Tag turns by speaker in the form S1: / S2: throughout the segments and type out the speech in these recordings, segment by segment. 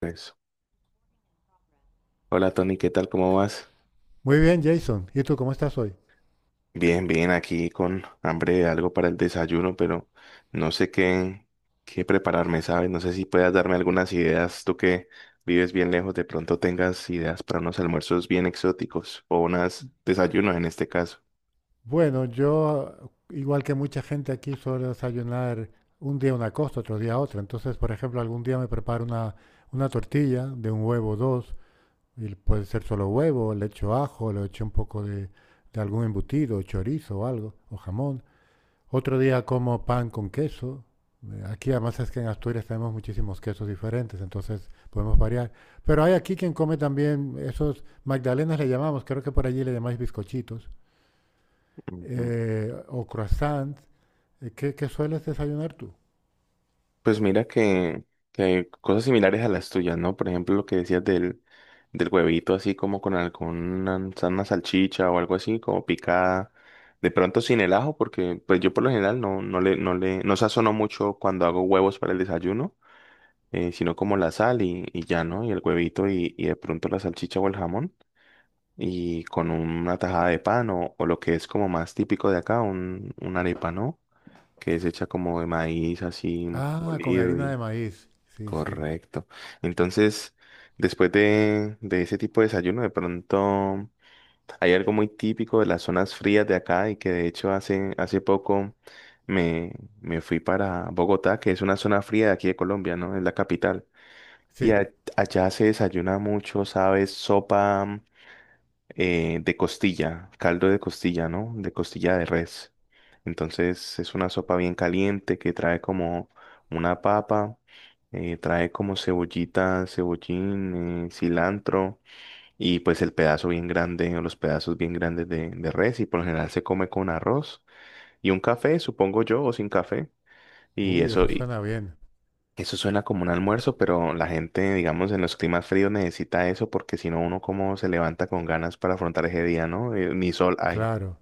S1: Pues, hola Tony, ¿qué tal? ¿Cómo vas?
S2: Muy bien, Jason. ¿Y tú cómo estás hoy?
S1: Bien, bien, aquí con hambre de algo para el desayuno, pero no sé qué, qué prepararme, ¿sabes? No sé si puedas darme algunas ideas, tú que vives bien lejos, de pronto tengas ideas para unos almuerzos bien exóticos o unos desayunos en este caso.
S2: Bueno, yo, igual que mucha gente aquí, suelo desayunar un día una cosa, otro día otra. Entonces, por ejemplo, algún día me preparo una tortilla de un huevo o dos, y puede ser solo huevo, le echo ajo, le echo un poco de algún embutido, chorizo o algo, o jamón. Otro día como pan con queso. Aquí además es que en Asturias tenemos muchísimos quesos diferentes, entonces podemos variar. Pero hay aquí quien come también esos magdalenas le llamamos, creo que por allí le llamáis bizcochitos, o croissants. ¿Qué sueles desayunar tú?
S1: Pues mira que cosas similares a las tuyas, ¿no? Por ejemplo, lo que decías del huevito así como con alguna una salchicha o algo así, como picada, de pronto sin el ajo, porque pues yo por lo general no, no sazono mucho cuando hago huevos para el desayuno, sino como la sal y ya, ¿no? Y el huevito y de pronto la salchicha o el jamón y con una tajada de pan o lo que es como más típico de acá, un, una arepa, ¿no? Que es hecha como de maíz así
S2: Ah, con
S1: molido
S2: harina de
S1: y...
S2: maíz. Sí, sí.
S1: Correcto. Entonces, después de ese tipo de desayuno, de pronto hay algo muy típico de las zonas frías de acá y que de hecho hace poco me, me fui para Bogotá, que es una zona fría de aquí de Colombia, ¿no? Es la capital. Y
S2: Sí.
S1: a- Allá se desayuna mucho, ¿sabes? Sopa, de costilla, caldo de costilla, ¿no? De costilla de res. Entonces es una sopa bien caliente que trae como una papa, trae como cebollita, cebollín, cilantro y pues el pedazo bien grande o los pedazos bien grandes de res y por lo general se come con arroz y un café, supongo yo, o sin café. Y
S2: Uy,
S1: eso,
S2: eso suena bien.
S1: eso suena como un almuerzo, pero la gente, digamos, en los climas fríos necesita eso porque si no uno como se levanta con ganas para afrontar ese día, ¿no? Ni sol hay.
S2: Claro.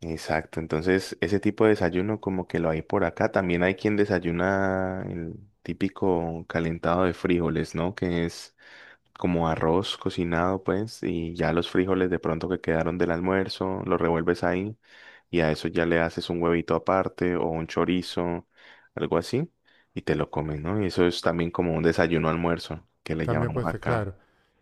S1: Exacto, entonces ese tipo de desayuno como que lo hay por acá. También hay quien desayuna el típico calentado de frijoles, ¿no? Que es como arroz cocinado, pues, y ya los frijoles de pronto que quedaron del almuerzo, los revuelves ahí y a eso ya le haces un huevito aparte o un chorizo, algo así, y te lo comes, ¿no? Y eso es también como un desayuno almuerzo, que le
S2: También
S1: llamamos
S2: puede ser
S1: acá
S2: claro.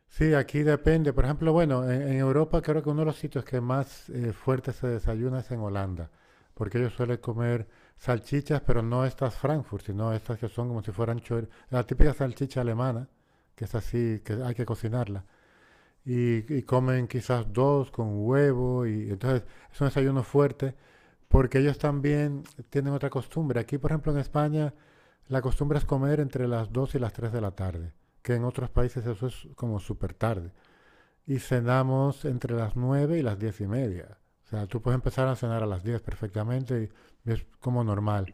S2: Sí, aquí depende. Por ejemplo, bueno, en Europa creo que uno de los sitios que más fuerte se desayuna es en Holanda, porque ellos suelen comer salchichas, pero no estas Frankfurt, sino estas que son como si fueran la típica salchicha alemana, que es así, que hay que cocinarla. Y comen quizás dos con huevo, y entonces es un desayuno fuerte, porque ellos también tienen otra costumbre. Aquí, por ejemplo, en España, la costumbre es comer entre las 2 y las 3 de la tarde, que en otros países eso es como súper tarde y cenamos entre las 9 y las diez y media. O sea, tú puedes empezar a cenar a las 10 perfectamente y es como normal.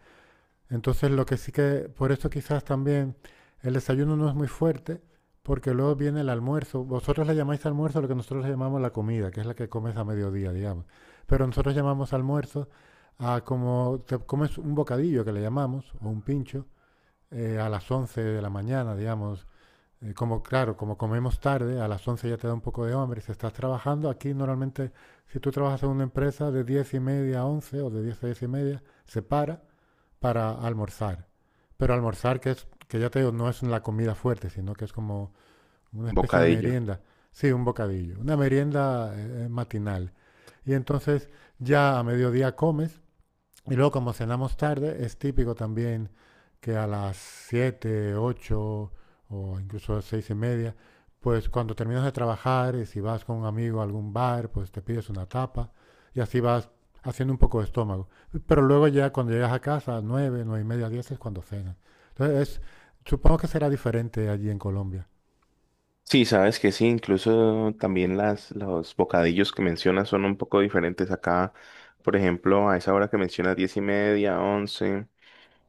S2: Entonces, lo que sí que, por eso quizás también el desayuno no es muy fuerte, porque luego viene el almuerzo. Vosotros le llamáis almuerzo a lo que nosotros le llamamos la comida, que es la que comes a mediodía, digamos. Pero nosotros llamamos almuerzo a como te comes un bocadillo, que le llamamos, o un pincho, a las 11 de la mañana, digamos, como claro, como comemos tarde, a las 11 ya te da un poco de hambre, si estás trabajando, aquí normalmente si tú trabajas en una empresa de 10 y media a 11 o de 10 a 10 y media, se para almorzar. Pero almorzar que es, que ya te digo, no es la comida fuerte, sino que es como una especie de
S1: bocadillo.
S2: merienda. Sí, un bocadillo, una merienda matinal. Y entonces ya a mediodía comes y luego, como cenamos tarde, es típico también que a las 7 8 o incluso seis y media, pues cuando terminas de trabajar y si vas con un amigo a algún bar, pues te pides una tapa y así vas haciendo un poco de estómago. Pero luego ya cuando llegas a casa, nueve, nueve y media, diez es cuando cenas. Entonces, supongo que será diferente allí en Colombia.
S1: Sí, sabes que sí, incluso también las, los bocadillos que mencionas son un poco diferentes acá. Por ejemplo, a esa hora que mencionas diez y media, once.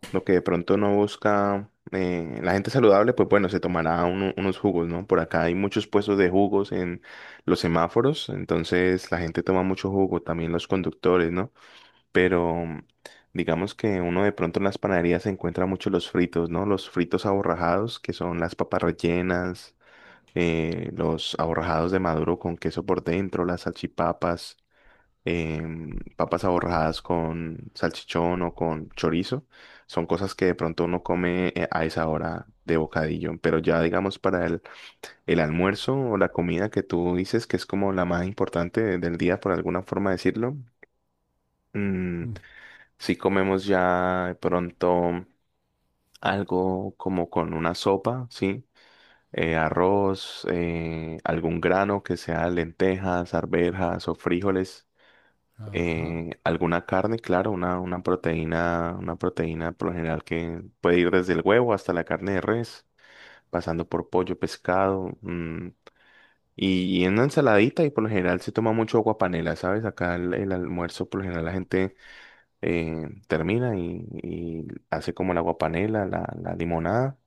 S1: Lo que de pronto no busca la gente saludable, pues bueno, unos jugos, ¿no? Por acá hay muchos puestos de jugos en los semáforos, entonces la gente toma mucho jugo, también los conductores, ¿no? Pero digamos que uno de pronto en las panaderías se encuentra mucho los fritos, ¿no? Los fritos aborrajados, que son las papas rellenas, los aborrajados de maduro con queso por dentro, las salchipapas, papas aborradas con salchichón o con chorizo. Son cosas que de pronto uno come a esa hora de bocadillo, pero ya digamos para el almuerzo o la comida que tú dices que es como la más importante de- del día, por alguna forma decirlo,
S2: Mm,
S1: si comemos ya de pronto algo como con una sopa, ¿sí? Arroz, algún grano que sea lentejas, arvejas o frijoles.
S2: ajá,
S1: Alguna carne, claro, una proteína por lo general que puede ir desde el huevo hasta la carne de res, pasando por pollo, pescado, mm, y una ensaladita y por lo general se toma mucho agua panela, ¿sabes? Acá el almuerzo por lo general la gente termina y hace como el agua panela, la limonada.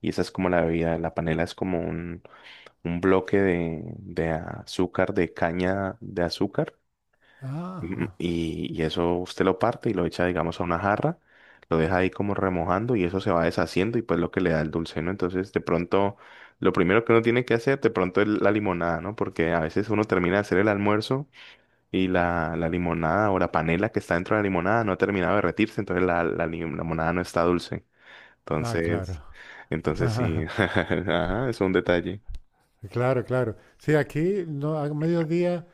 S1: Y esa es como la bebida. La panela es como un bloque de azúcar, de caña de azúcar. Mm,
S2: ajá.
S1: y eso usted lo parte y lo echa, digamos, a una jarra, lo deja ahí como remojando y eso se va deshaciendo y pues lo que le da el dulce, ¿no? Entonces, de pronto, lo primero que uno tiene que hacer, de pronto es la limonada, ¿no? Porque a veces uno termina de hacer el almuerzo y la limonada o la panela que está dentro de la limonada no ha terminado de derretirse, entonces la limonada no está dulce.
S2: Ah, claro.
S1: Entonces, entonces sí, ajá, es un detalle.
S2: Claro, claro. Sí, aquí no, a mediodía.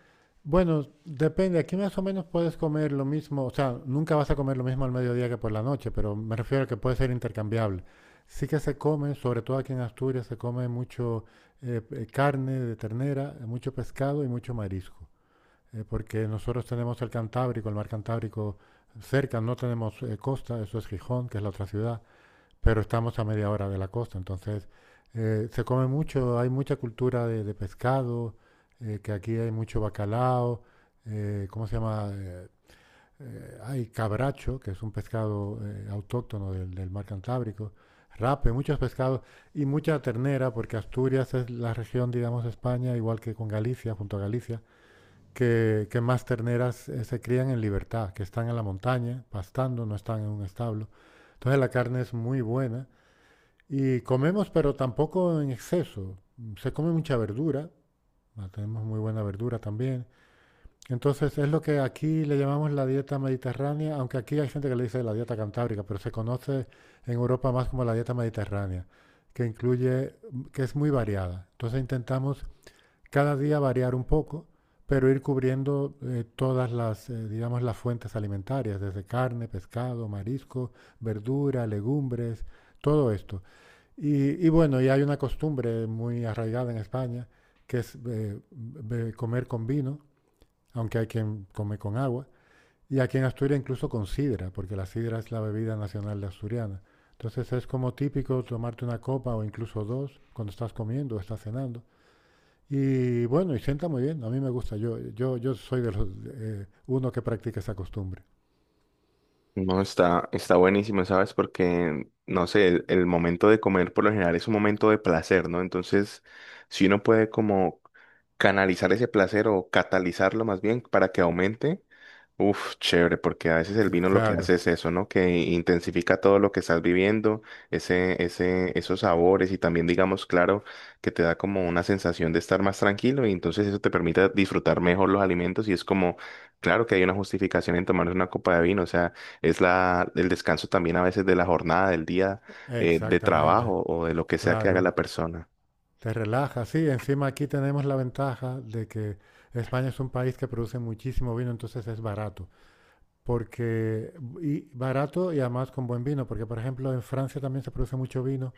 S2: Bueno, depende. Aquí más o menos puedes comer lo mismo, o sea, nunca vas a comer lo mismo al mediodía que por la noche, pero me refiero a que puede ser intercambiable. Sí que se come, sobre todo aquí en Asturias, se come mucho carne de ternera, mucho pescado y mucho marisco, porque nosotros tenemos el Cantábrico, el mar Cantábrico cerca, no tenemos costa, eso es Gijón, que es la otra ciudad, pero estamos a media hora de la costa. Entonces se come mucho, hay mucha cultura de pescado, que aquí hay mucho bacalao. ¿Cómo se llama? Hay cabracho, que es un pescado autóctono del mar Cantábrico, rape, muchos pescados y mucha ternera, porque Asturias es la región, digamos, de España, igual que con Galicia, junto a Galicia, que más terneras se crían en libertad, que están en la montaña, pastando, no están en un establo. Entonces la carne es muy buena y comemos, pero tampoco en exceso. Se come mucha verdura, ah, tenemos muy buena verdura también. Entonces es lo que aquí le llamamos la dieta mediterránea, aunque aquí hay gente que le dice la dieta cantábrica, pero se conoce en Europa más como la dieta mediterránea, que incluye, que es muy variada. Entonces intentamos cada día variar un poco, pero ir cubriendo todas las, digamos, las fuentes alimentarias, desde carne, pescado, marisco, verdura, legumbres, todo esto. Y bueno, y hay una costumbre muy arraigada en España, que es comer con vino, aunque hay quien come con agua. Y aquí en Asturias incluso con sidra, porque la sidra es la bebida nacional de asturiana. Entonces es como típico tomarte una copa o incluso dos cuando estás comiendo o estás cenando. Y bueno, y sienta muy bien, a mí me gusta, yo soy de los, uno que practica esa costumbre.
S1: No, está, está buenísimo, ¿sabes? Porque, no sé, el momento de comer por lo general es un momento de placer, ¿no? Entonces, si uno puede como canalizar ese placer o catalizarlo más bien para que aumente, uf, chévere, porque a veces el vino lo que
S2: Claro,
S1: hace es eso, ¿no? Que intensifica todo lo que estás viviendo, ese, esos sabores y también, digamos, claro, que te da como una sensación de estar más tranquilo y entonces eso te permite disfrutar mejor los alimentos y es como, claro que hay una justificación en tomar una copa de vino, o sea, es la, el descanso también a veces de la jornada, del día, de
S2: exactamente,
S1: trabajo o de lo que sea que haga
S2: claro.
S1: la persona.
S2: Te relaja, sí. Encima aquí tenemos la ventaja de que España es un país que produce muchísimo vino, entonces es barato. Porque, y barato y además con buen vino, porque por ejemplo en Francia también se produce mucho vino,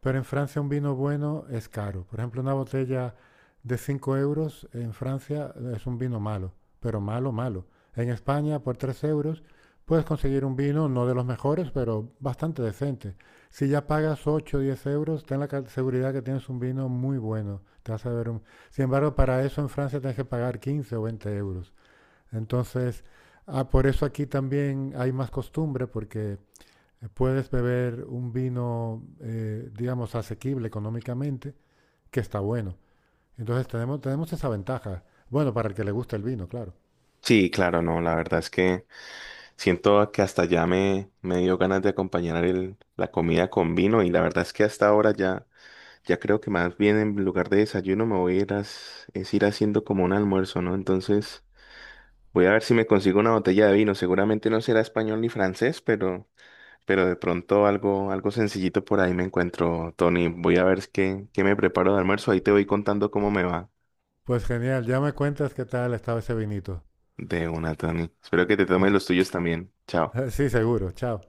S2: pero en Francia un vino bueno es caro. Por ejemplo, una botella de 5 euros en Francia es un vino malo, pero malo, malo. En España, por 3 euros, puedes conseguir un vino, no de los mejores, pero bastante decente. Si ya pagas ocho o 10 euros, ten la seguridad que tienes un vino muy bueno. Te vas a ver un- Sin embargo, para eso en Francia tienes que pagar 15 o 20 euros. Entonces, ah, por eso aquí también hay más costumbre, porque puedes beber un vino, digamos, asequible económicamente, que está bueno. Entonces tenemos esa ventaja. Bueno, para el que le gusta el vino, claro.
S1: Sí, claro, no, la verdad es que... Siento que hasta ya me dio ganas de acompañar el- la comida con vino y la verdad es que hasta ahora ya, ya creo que más bien en lugar de desayuno me voy a ir, es ir haciendo como un almuerzo, ¿no? Entonces voy a ver si me consigo una botella de vino. Seguramente no será español ni francés, pero de pronto algo, algo sencillito por ahí me encuentro, Tony. Voy a ver qué, qué me preparo de almuerzo. Ahí te voy contando cómo me va
S2: Pues genial, ya me cuentas qué tal estaba ese vinito.
S1: de una, Tony. Espero que te tomes
S2: Va.
S1: los tuyos también. Chao.
S2: Sí, seguro, chao.